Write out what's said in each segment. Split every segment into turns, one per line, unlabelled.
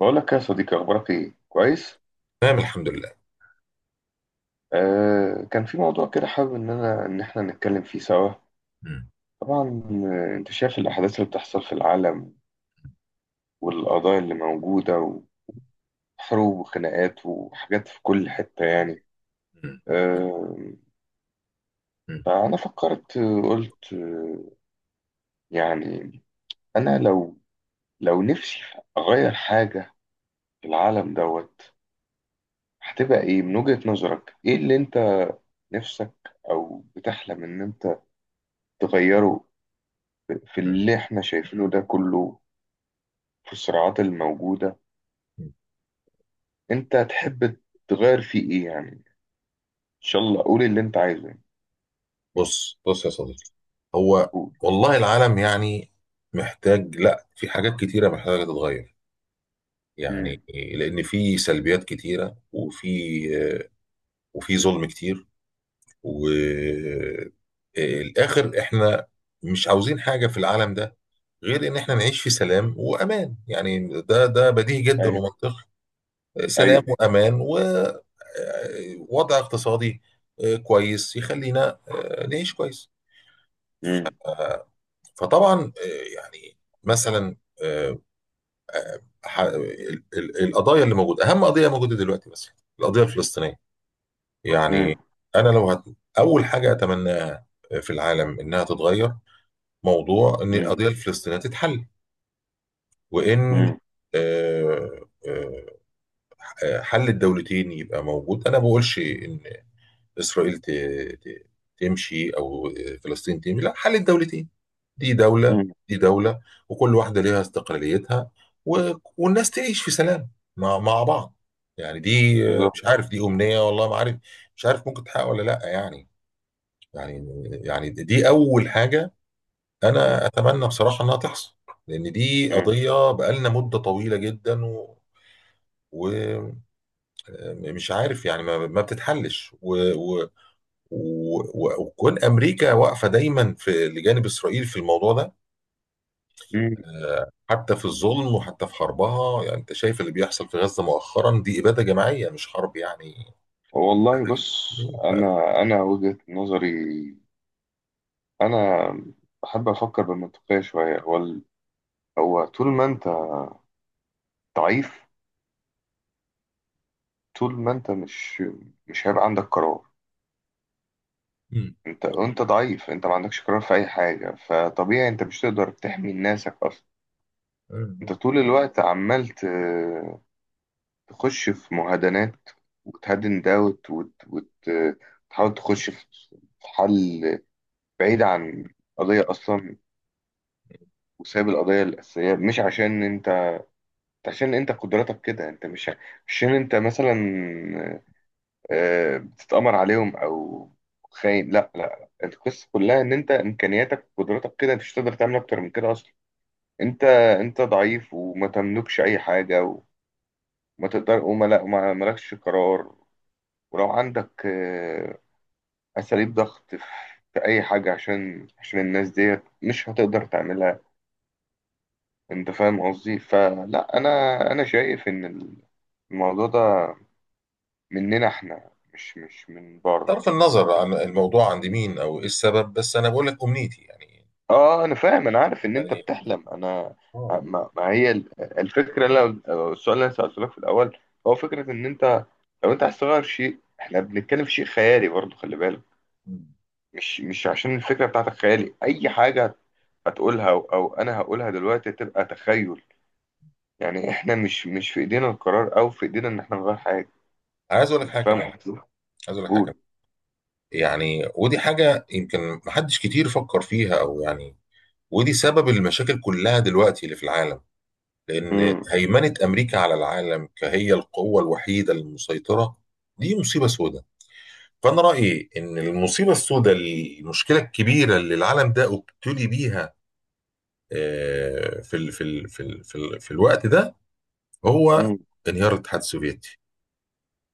بقول لك يا صديقي، اخبارك ايه؟ كويس.
تمام الحمد لله.
كان في موضوع كده حابب ان انا ان احنا نتكلم فيه سوا. طبعا، انت شايف الاحداث اللي بتحصل في العالم، والقضايا اللي موجوده، وحروب وخناقات وحاجات في كل حته، آه
م-
فانا فكرت، قلت، يعني انا لو، نفسي اغير حاجه في العالم دوت، هتبقى ايه؟ من وجهة نظرك، ايه اللي انت نفسك او بتحلم ان انت تغيره في
م-
اللي احنا شايفينه ده كله، في الصراعات الموجودة؟
م.
انت تحب تغير فيه ايه؟ ان شاء الله قول اللي انت عايزه يعني.
بص يا صديقي، هو
قول.
والله العالم يعني محتاج، لا في حاجات كتيرة محتاجة تتغير يعني.
امم.
لأن في سلبيات كتيرة وفي ظلم كتير والآخر، احنا مش عاوزين حاجة في العالم ده غير إن احنا نعيش في سلام وأمان. يعني ده بديهي جدا
ايوه.
ومنطقي. سلام
ايوه.
وأمان ووضع اقتصادي كويس يخلينا نعيش كويس.
امم.
فطبعا يعني مثلا، آه، القضايا اللي موجوده، اهم قضيه موجوده دلوقتي مثلا القضيه الفلسطينيه يعني.
امم.
انا لو اول حاجه اتمناها في العالم انها تتغير، موضوع ان
امم.
القضيه الفلسطينيه تتحل وان
امم.
آه، آه، حل الدولتين يبقى موجود. انا ما بقولش ان إسرائيل ت... تمشي أو فلسطين تمشي، لا، حل الدولتين. دي دولة
امم.
دي دولة وكل واحدة ليها استقلاليتها و والناس تعيش في سلام مع بعض يعني. دي،
بالظبط.
مش عارف، دي أمنية والله، ما عارف مش عارف ممكن تحقق ولا لا يعني. يعني يعني دي أول حاجة
مم.
أنا أتمنى بصراحة إنها تحصل، لأن دي
مم.
قضية بقالنا مدة طويلة جدا ومش عارف يعني، ما بتتحلش وكون امريكا واقفه دايما في لجانب اسرائيل في الموضوع ده،
مم.
حتى في الظلم وحتى في حربها. يعني انت شايف اللي بيحصل في غزه مؤخرا، دي اباده جماعيه مش حرب يعني. إبادة
والله بص،
جماعية.
انا وجهة نظري، انا بحب افكر بالمنطقية شوية. هو طول ما انت ضعيف، طول ما انت مش هيبقى عندك قرار.
مم.
انت ضعيف، انت ما عندكش قرار في اي حاجة، فطبيعي انت مش تقدر تحمي ناسك اصلا. انت
مم.
طول الوقت عمال تخش في مهادنات وتهدن ده وتحاول تخش في حل بعيد عن قضية اصلا، وسايب القضية الأساسية. مش عشان انت، عشان انت قدراتك كده، انت مش عشان انت مثلا بتتأمر عليهم او خاين، لا لا، القصة كلها ان انت امكانياتك وقدراتك كده، انت مش هتقدر تعمل اكتر من كده اصلا. انت انت ضعيف وما تملكش اي حاجه، وما تقدر وما لا ما مالكش قرار، ولو عندك اساليب ضغط في اي حاجه، عشان الناس ديت مش هتقدر تعملها. انت فاهم قصدي؟ فلا، انا شايف ان الموضوع ده مننا احنا، مش من بره.
طرف النظر عن الموضوع عند مين او ايه السبب، بس انا بقول لك امنيتي يعني
اه انا فاهم، انا عارف ان انت
يعني.
بتحلم. انا
اه.
ما هي الفكره، السؤال اللي انا سالته لك في الاول، هو فكره ان انت لو انت عايز تغير شيء، احنا بنتكلم في شيء خيالي برضه، خلي بالك.
مم.
مش عشان الفكره بتاعتك خيالي، اي حاجه هتقولها او انا هقولها دلوقتي تبقى تخيل، يعني احنا مش في ايدينا القرار، او في ايدينا ان احنا نغير حاجه.
عايز اقول لك
انت
حاجه
فاهم
كمان،
قصدي؟
عايز اقول لك حاجه كمان.
قول.
يعني ودي حاجه يمكن محدش كتير فكر فيها، او يعني ودي سبب المشاكل كلها دلوقتي اللي في العالم، لأن
امم.
هيمنة أمريكا على العالم كهي القوة الوحيدة المسيطرة دي مصيبة سوداء. فأنا رأيي إن المصيبة السوداء، المشكلة الكبيرة اللي العالم ده ابتلي بيها في الوقت ده، هو
امم.
انهيار الاتحاد السوفيتي.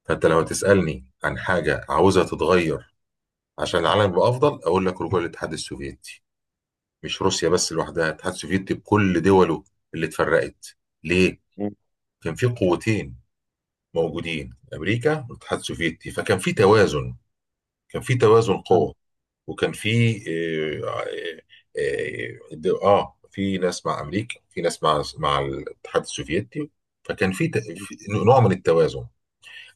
فأنت لو تسألني عن حاجة عاوزها تتغير عشان العالم يبقى أفضل، أقول لك رجوع الاتحاد السوفيتي. مش روسيا بس لوحدها، الاتحاد السوفيتي بكل دوله اللي اتفرقت. ليه؟
امم.
كان في قوتين موجودين، امريكا والاتحاد السوفيتي، فكان في توازن، كان في توازن
امم.
قوة. وكان في آه في ناس مع امريكا، في ناس مع الاتحاد السوفيتي، فكان في نوع من التوازن.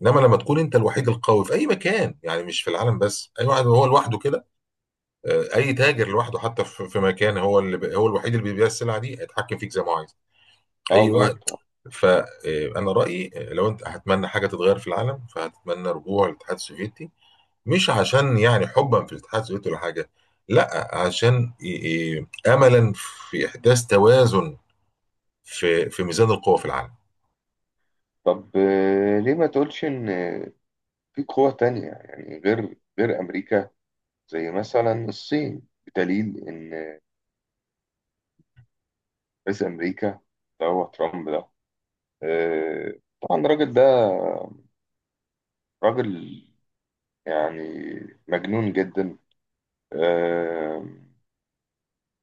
انما لما تكون انت الوحيد القوي في اي مكان، يعني مش في العالم بس، اي واحد هو لوحده كده، اي تاجر لوحده حتى في مكان هو اللي هو الوحيد اللي بيبيع السلعه دي، هيتحكم فيك زي ما هو عايز.
اه
اي واحد.
بالظبط.
فانا رايي لو انت هتمنى حاجه تتغير في العالم، فهتتمنى رجوع الاتحاد السوفيتي. مش عشان يعني حبا في الاتحاد السوفيتي ولا حاجه، لا، عشان املا في احداث توازن في ميزان القوى في العالم.
طب، ليه ما تقولش ان في قوة تانية يعني غير امريكا، زي مثلا الصين؟ بدليل ان رئيس امريكا اللي هو ترامب ده، آه، طبعا الراجل ده راجل يعني مجنون جدا، آه،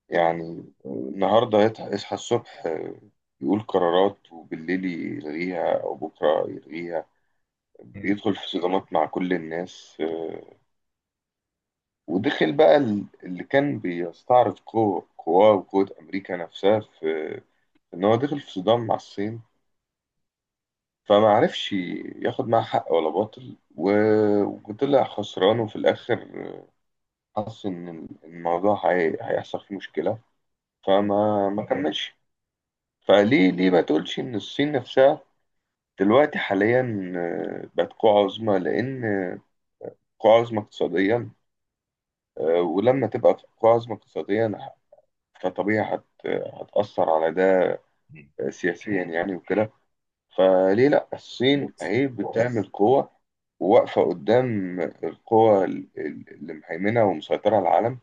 يعني النهارده يصحى الصبح يقول قرارات وبالليل يلغيها او بكره يلغيها،
مم.
بيدخل في صدامات مع كل الناس. ودخل بقى اللي كان بيستعرض قواه وقوة امريكا نفسها في ان هو دخل في صدام مع الصين، فما عرفش ياخد معاه حق ولا باطل، وطلع خسران. وفي الاخر حس ان الموضوع هيحصل فيه مشكله
مم.
فما ما كملش. فليه، ما تقولش ان الصين نفسها دلوقتي حاليا، بقت قوة عظمى، لان قوة عظمى اقتصاديا، ولما تبقى قوة عظمى اقتصاديا فطبيعي هتأثر على ده سياسيا يعني وكده. فليه لا؟ الصين
بص
اهي بتعمل قوة وواقفة قدام القوة اللي مهيمنة ومسيطرة على العالم،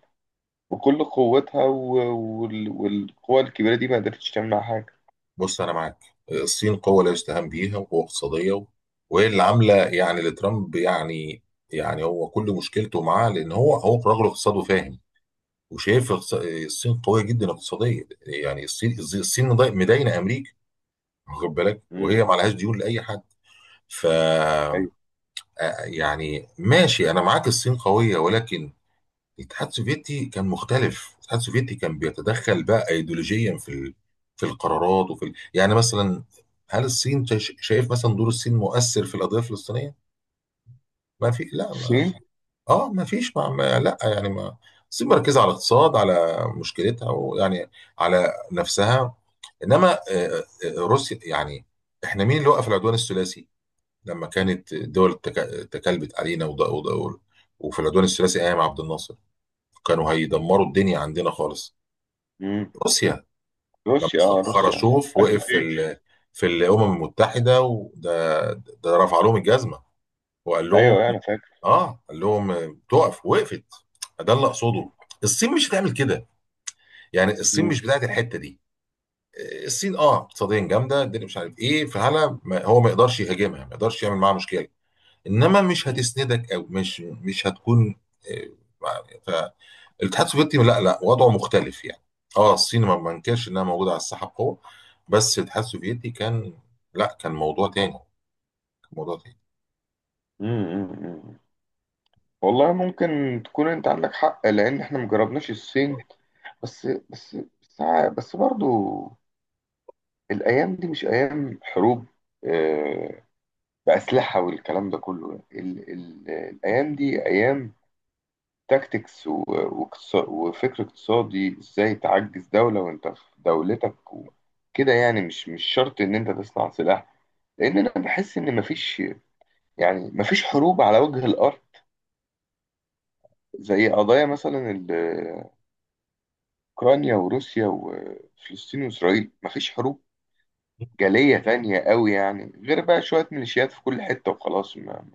وكل قوتها والقوى الكبيرة دي ما قدرتش تمنع حاجة.
بص انا معاك، الصين قوه لا يستهان بيها وقوه اقتصاديه، و- وهي اللي عامله يعني لترامب يعني. يعني هو كل مشكلته معاه لان هو رجل اقتصاد وفاهم وشايف الصين قويه جدا اقتصاديا. يعني الصين مداينه امريكا، واخد بالك،
امم.
وهي ما عليهاش ديون لاي حد. ف
ايوه.
يعني ماشي انا معاك الصين قويه، ولكن الاتحاد السوفيتي كان مختلف. الاتحاد السوفيتي كان بيتدخل بقى ايديولوجيا في في القرارات وفي يعني مثلا، هل الصين شايف مثلا دور الصين مؤثر في القضيه الفلسطينيه؟ ما في لا،
الصين.
اه ما فيش، لا يعني ما. بس مركزه على الاقتصاد، على مشكلتها ويعني على نفسها. انما روسيا يعني، احنا مين اللي وقف العدوان الثلاثي لما كانت الدول تكلبت علينا وفي العدوان الثلاثي ايام عبد الناصر كانوا هيدمروا الدنيا عندنا خالص؟
امم.
روسيا. لما
روسيا. اه روسيا.
خرشوف
عايز
وقف في
فيت.
في الامم المتحده، وده رفع لهم الجزمه وقال لهم،
ايوه انا فاكر.
اه قال لهم تقف، وقفت. ده اللي اقصده.
مم.
الصين مش هتعمل كده، يعني الصين
مم.
مش بتاعت الحته دي. الصين اه اقتصاديا جامده الدنيا مش عارف ايه، فهلا هو ما يقدرش يهاجمها، ما يقدرش يعمل معاها مشكله، انما مش
مم.
هتسندك او مش هتكون آه، مع- فالاتحاد السوفيتي لا، لا وضعه مختلف يعني. اه الصين ما بنكرش انها موجوده على الساحه بقوه، بس الاتحاد السوفيتي كان، لا كان موضوع تاني، كان موضوع تاني.
مم. مم. والله ممكن تكون انت عندك حق، لان احنا مجربناش الصين. بس بس برضو، الايام دي مش ايام حروب آه، بأسلحة والكلام ده كله. ال الأيام دي أيام تاكتكس وفكر اقتصادي، ازاي تعجز دولة وانت في دولتك وكده، يعني مش شرط ان انت تصنع سلاح. لان انا بحس ان مفيش، يعني مفيش حروب على وجه الارض زي قضايا مثلا اوكرانيا وروسيا وفلسطين واسرائيل. مفيش حروب جالية تانية قوي يعني، غير بقى شوية ميليشيات في كل حتة وخلاص.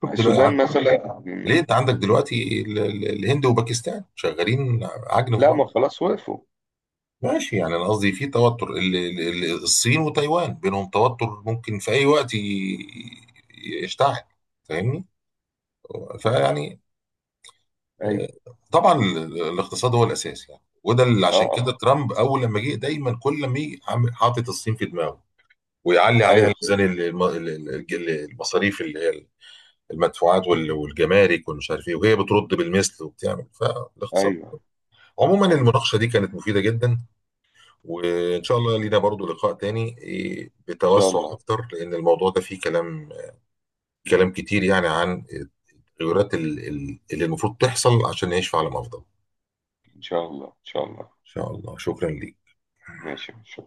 شوف
السودان
دلوقتي،
مثلا.
ليه انت عندك دلوقتي الهند وباكستان شغالين عجن في
لا
بعض؟
ما خلاص وقفوا.
ماشي، يعني انا قصدي في توتر، الصين وتايوان بينهم توتر ممكن في اي وقت يشتعل. فاهمني؟ فيعني
ايوه.
آه، طبعا الاقتصاد هو الاساس يعني. وده اللي
اه.
عشان
آه.
كده ترامب اول لما جه دايما، كل ما يجي حاطط الصين في دماغه، ويعلي
ايوه
عليها
بالظبط.
ميزان المصاريف اللي هي المدفوعات والجمارك والمش عارف ايه، وهي بترد بالمثل وبتعمل فالاقتصاد.
ايوه.
عموما
ايوه.
المناقشة دي كانت مفيدة جدا، وإن شاء الله لينا برضو لقاء تاني
ان شاء
بتوسع
الله.
أكتر، لأن الموضوع ده فيه كلام، كلام كتير يعني عن التغيرات اللي المفروض تحصل عشان نعيش في عالم أفضل. إن
إن شاء الله. إن شاء الله.
شاء الله. شكرا ليك.
ماشي، شكرا.